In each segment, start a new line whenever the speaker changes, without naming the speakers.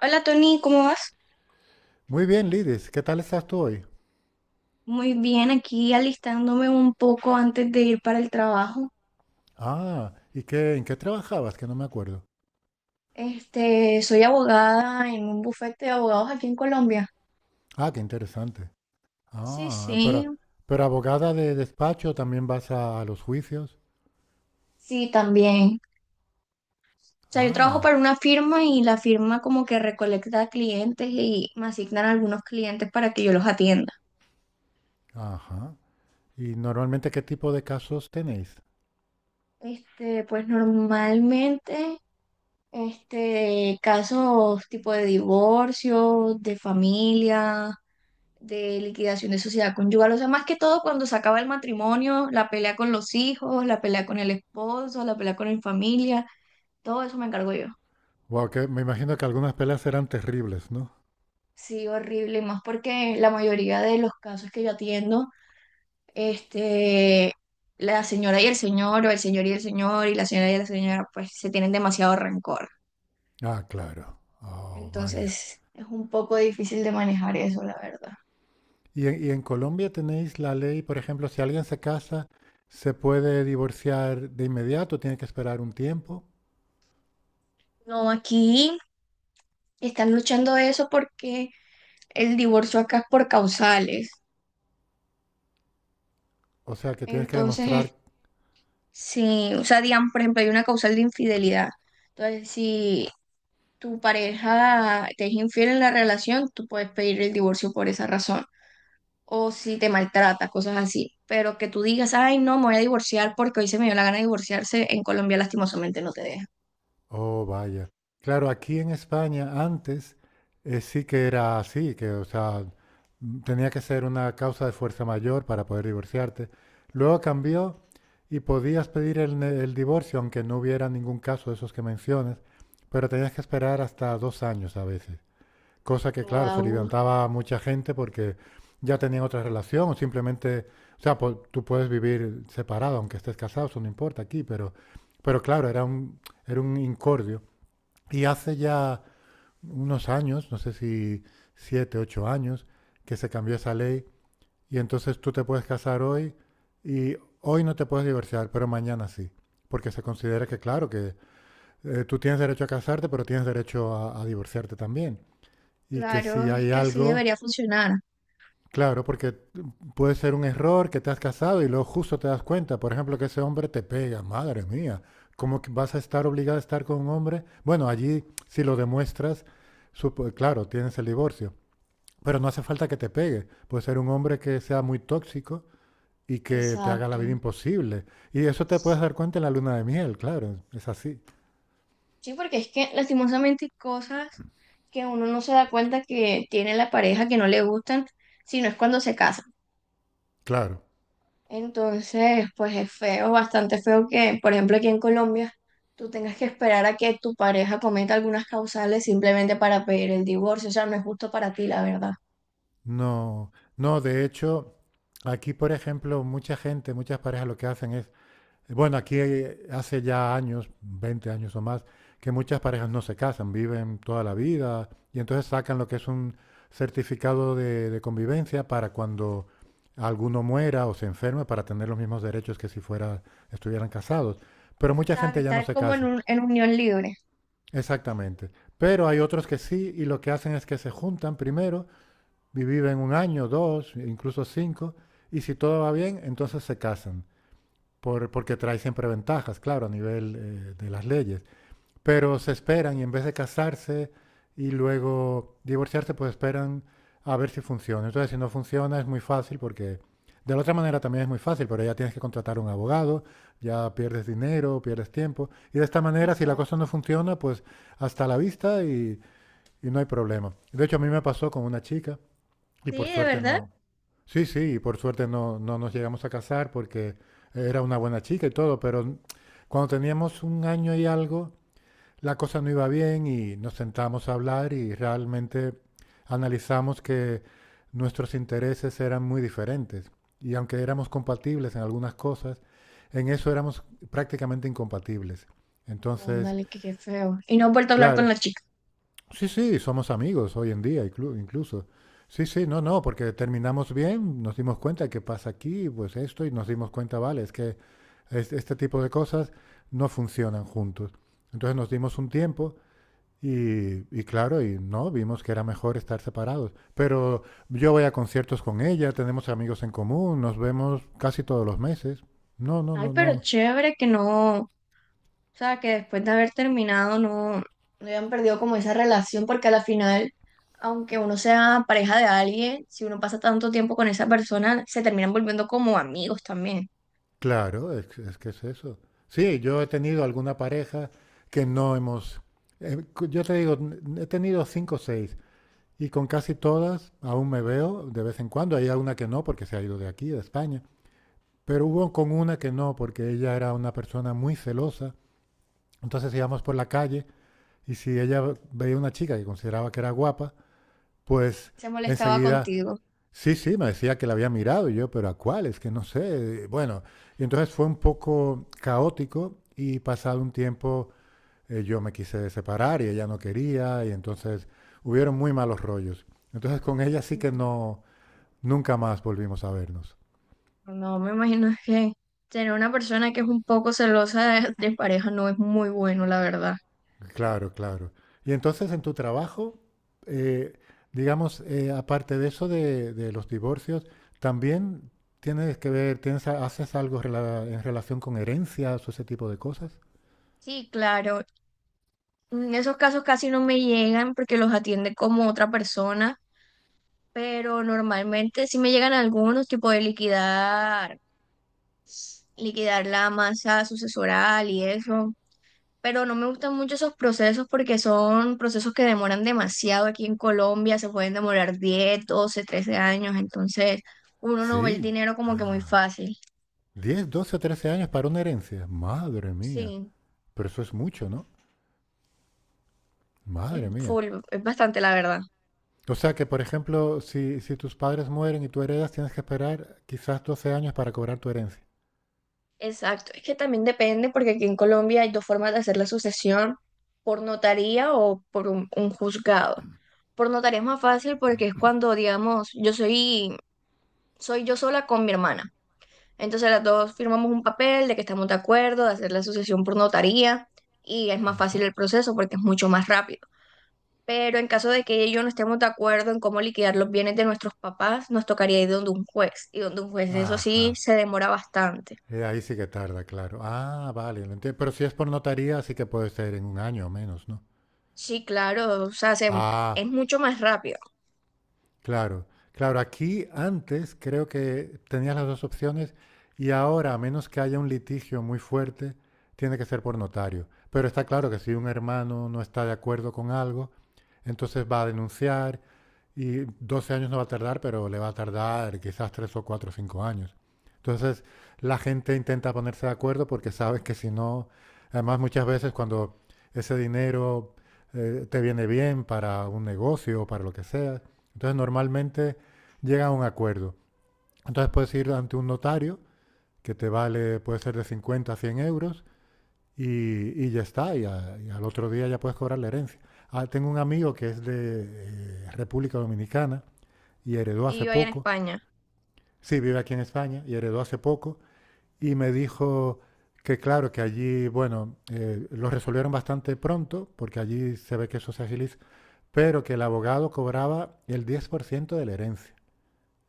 Hola Tony, ¿cómo vas?
Muy bien, Lidis, ¿qué tal estás tú hoy?
Muy bien, aquí alistándome un poco antes de ir para el trabajo.
Ah, ¿y qué, en qué trabajabas? Que no me acuerdo.
Soy abogada en un bufete de abogados aquí en Colombia.
Ah, qué interesante.
Sí,
Ah,
sí,
pero abogada de despacho también vas a los juicios.
sí, también. O sea, yo trabajo
Ah,
para una firma y la firma como que recolecta clientes y me asignan algunos clientes para que yo los atienda.
ajá. ¿Y normalmente qué tipo de casos tenéis?
Pues normalmente, casos tipo de divorcio, de familia, de liquidación de sociedad conyugal, o sea, más que todo cuando se acaba el matrimonio, la pelea con los hijos, la pelea con el esposo, la pelea con la familia, todo eso me encargo yo.
Wow, que me imagino que algunas peleas serán terribles, ¿no?
Sí, horrible, y más porque la mayoría de los casos que yo atiendo, este, la señora y el señor, o el señor, y la señora, pues se tienen demasiado rencor.
Ah, claro. Oh, vaya.
Entonces, es un poco difícil de manejar eso, la verdad.
¿Y en Colombia tenéis la ley, por ejemplo, si alguien se casa, se puede divorciar de inmediato, ¿tiene que esperar un tiempo?
No, aquí están luchando eso porque el divorcio acá es por causales.
O sea, que tienes que
Entonces,
demostrar.
es- si, o sea, digamos, por ejemplo, hay una causal de infidelidad. Entonces, si tu pareja te es infiel en la relación, tú puedes pedir el divorcio por esa razón. O si te maltrata, cosas así. Pero que tú digas, ay, no, me voy a divorciar porque hoy se me dio la gana de divorciarse, en Colombia lastimosamente no te deja.
Oh, vaya. Claro, aquí en España antes sí que era así, que, o sea, tenía que ser una causa de fuerza mayor para poder divorciarte. Luego cambió y podías pedir el, el divorcio, aunque no hubiera ningún caso de esos que mencionas, pero tenías que esperar hasta dos años a veces. Cosa que, claro, se
Wow,
levantaba mucha gente porque ya tenían otra relación o simplemente, o sea, tú puedes vivir separado, aunque estés casado, eso no importa aquí, pero claro, era un incordio. Y hace ya unos años, no sé si siete, ocho años, que se cambió esa ley y entonces tú te puedes casar hoy y hoy no te puedes divorciar, pero mañana sí. Porque se considera que, claro, que tú tienes derecho a casarte, pero tienes derecho a divorciarte también. Y que si
claro, es
hay
que así
algo.
debería funcionar.
Claro, porque puede ser un error que te has casado y luego justo te das cuenta, por ejemplo, que ese hombre te pega, madre mía, ¿cómo que vas a estar obligada a estar con un hombre? Bueno, allí si lo demuestras, claro, tienes el divorcio, pero no hace falta que te pegue, puede ser un hombre que sea muy tóxico y que te haga la vida
Exacto.
imposible. Y eso te puedes dar cuenta en la luna de miel, claro, es así,
Sí, porque es que lastimosamente hay cosas que uno no se da cuenta que tiene la pareja que no le gustan, sino es cuando se casa.
claro.
Entonces, pues es feo, bastante feo que, por ejemplo, aquí en Colombia, tú tengas que esperar a que tu pareja cometa algunas causales simplemente para pedir el divorcio. O sea, no es justo para ti, la verdad.
No, no, de hecho, aquí, por ejemplo, mucha gente, muchas parejas lo que hacen es... Bueno, aquí hace ya años, 20 años o más, que muchas parejas no se casan, viven toda la vida y entonces sacan lo que es un certificado de convivencia para cuando alguno muera o se enferme para tener los mismos derechos que si fuera, estuvieran casados. Pero mucha
¿Sabes?
gente ya no
Estar
se
como en
casa,
un, en unión libre.
exactamente. Pero hay otros que sí y lo que hacen es que se juntan primero, viven un año, dos, incluso cinco, y si todo va bien, entonces se casan porque trae siempre ventajas, claro, a nivel de las leyes. Pero se esperan y en vez de casarse y luego divorciarse, pues esperan a ver si funciona. Entonces, si no funciona, es muy fácil porque de la otra manera también es muy fácil, pero ya tienes que contratar un abogado, ya pierdes dinero, pierdes tiempo. Y de esta manera, si la cosa
Exacto.
no funciona, pues hasta la vista y no hay problema. De hecho, a mí me pasó con una chica y
Sí,
por
de
suerte
verdad.
no... Sí, sí, por suerte no, no nos llegamos a casar porque era una buena chica y todo, pero cuando teníamos un año y algo, la cosa no iba bien y nos sentamos a hablar y realmente analizamos que nuestros intereses eran muy diferentes. Y aunque éramos compatibles en algunas cosas, en eso éramos prácticamente incompatibles. Entonces,
Ándale, que qué feo. Y no he vuelto a hablar con
claro.
la chica.
Sí, sí, somos amigos hoy en día incluso. Sí, sí, no, no, porque terminamos bien, nos dimos cuenta que pasa aquí, pues esto, y nos dimos cuenta, vale, es que este tipo de cosas no funcionan juntos. Entonces nos dimos un tiempo y claro, y no, vimos que era mejor estar separados. Pero yo voy a conciertos con ella, tenemos amigos en común, nos vemos casi todos los meses. No, no,
Ay,
no,
pero
no.
chévere que no. O sea, que después de haber terminado no hayan perdido como esa relación, porque a la final, aunque uno sea pareja de alguien, si uno pasa tanto tiempo con esa persona, se terminan volviendo como amigos también.
Claro, es, que es que es eso. Sí, yo he tenido alguna pareja que no hemos... yo te digo, he tenido cinco o seis y con casi todas aún me veo de vez en cuando. Hay alguna que no porque se ha ido de aquí, de España. Pero hubo con una que no porque ella era una persona muy celosa. Entonces íbamos por la calle y si ella veía una chica que consideraba que era guapa, pues
Se molestaba
enseguida...
contigo.
Sí, sí, me decía que la había mirado y yo, pero ¿a cuál? Es que no sé. Bueno, y entonces fue un poco caótico y pasado un tiempo yo me quise separar y ella no quería y entonces hubieron muy malos rollos. Entonces con ella sí que no, nunca más volvimos a vernos.
No, me imagino que tener una persona que es un poco celosa de pareja no es muy bueno, la verdad.
Claro, claro. Y entonces en tu trabajo, eh, digamos, aparte de eso de los divorcios, también tienes que ver, tienes, ¿haces algo en relación con herencias o ese tipo de cosas?
Sí, claro. En esos casos casi no me llegan porque los atiende como otra persona, pero normalmente sí me llegan algunos, tipo de liquidar la masa sucesoral y eso, pero no me gustan mucho esos procesos porque son procesos que demoran demasiado aquí en Colombia, se pueden demorar 10 12 13 años, entonces uno no ve el
Sí,
dinero como que muy fácil.
10, 12 o 13 años para una herencia. Madre mía.
Sí,
Pero eso es mucho, ¿no?
es
Madre mía.
full, es bastante la verdad.
O sea que, por ejemplo, si, si tus padres mueren y tú heredas, tienes que esperar quizás 12 años para cobrar tu herencia.
Exacto, es que también depende porque aquí en Colombia hay dos formas de hacer la sucesión, por notaría o por un juzgado. Por notaría es más fácil porque es cuando, digamos, soy yo sola con mi hermana. Entonces las dos firmamos un papel de que estamos de acuerdo, de hacer la asociación por notaría y es más fácil
Ajá.
el proceso porque es mucho más rápido. Pero en caso de que ella y yo no estemos de acuerdo en cómo liquidar los bienes de nuestros papás, nos tocaría ir donde un juez y donde un juez eso sí
Ajá.
se demora bastante.
Ahí sí que tarda, claro. Ah, vale, lo entiendo. Pero si es por notaría, sí que puede ser en un año o menos, ¿no?
Sí, claro,
Ah,
es mucho más rápido.
claro, claro, aquí antes creo que tenías las dos opciones y ahora, a menos que haya un litigio muy fuerte, tiene que ser por notario. Pero está claro que si un hermano no está de acuerdo con algo, entonces va a denunciar y 12 años no va a tardar, pero le va a tardar quizás 3 o 4 o 5 años. Entonces la gente intenta ponerse de acuerdo porque sabes que si no, además muchas veces cuando ese dinero te viene bien para un negocio o para lo que sea, entonces normalmente llega a un acuerdo. Entonces puedes ir ante un notario que te vale, puede ser de 50 a 100 euros y ya está, y, y al otro día ya puedes cobrar la herencia. Ah, tengo un amigo que es de República Dominicana y heredó
Y
hace
yo ahí en
poco,
España.
sí, vive aquí en España y heredó hace poco y me dijo que claro, que allí, bueno, lo resolvieron bastante pronto porque allí se ve que eso se agiliza, pero que el abogado cobraba el 10% de la herencia.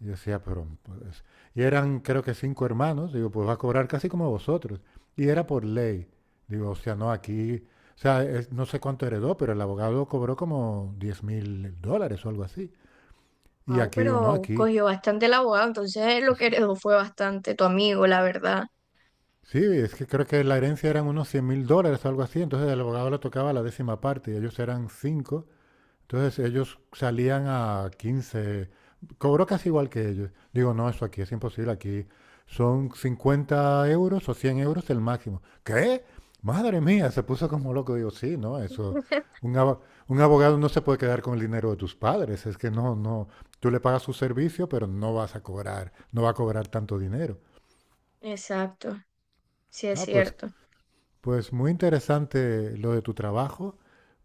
Y yo decía, pero... pues, y eran, creo que cinco hermanos. Digo, pues va a cobrar casi como vosotros. Y era por ley. Digo, o sea, no aquí... O sea, no sé cuánto heredó, pero el abogado cobró como 10 mil dólares o algo así. Y
Wow,
aquí digo, no,
pero
aquí.
cogió bastante el abogado, entonces lo que heredó fue bastante tu amigo, la verdad.
Sí, es que creo que la herencia eran unos 100 mil dólares o algo así. Entonces al abogado le tocaba la décima parte y ellos eran cinco. Entonces ellos salían a 15, cobró casi igual que ellos. Digo, no, eso aquí es imposible, aquí son 50 euros o 100 euros el máximo. ¿Qué? Madre mía, se puso como loco. Digo, sí, no, eso, un, abo- un abogado no se puede quedar con el dinero de tus padres, es que no, no, tú le pagas su servicio, pero no vas a cobrar, no va a cobrar tanto dinero.
Exacto, sí es
Ah, pues,
cierto.
pues muy interesante lo de tu trabajo.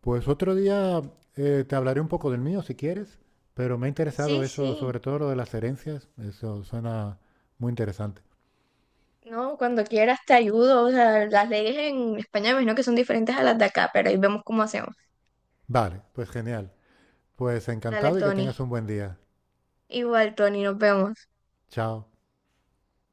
Pues otro día te hablaré un poco del mío si quieres, pero me ha interesado
Sí,
eso,
sí.
sobre todo lo de las herencias, eso suena muy interesante.
No, cuando quieras te ayudo. O sea, las leyes en España me imagino que son diferentes a las de acá, pero ahí vemos cómo hacemos.
Vale, pues genial. Pues
Dale,
encantado y que
Tony.
tengas un buen día.
Igual, Tony, nos vemos.
Chao.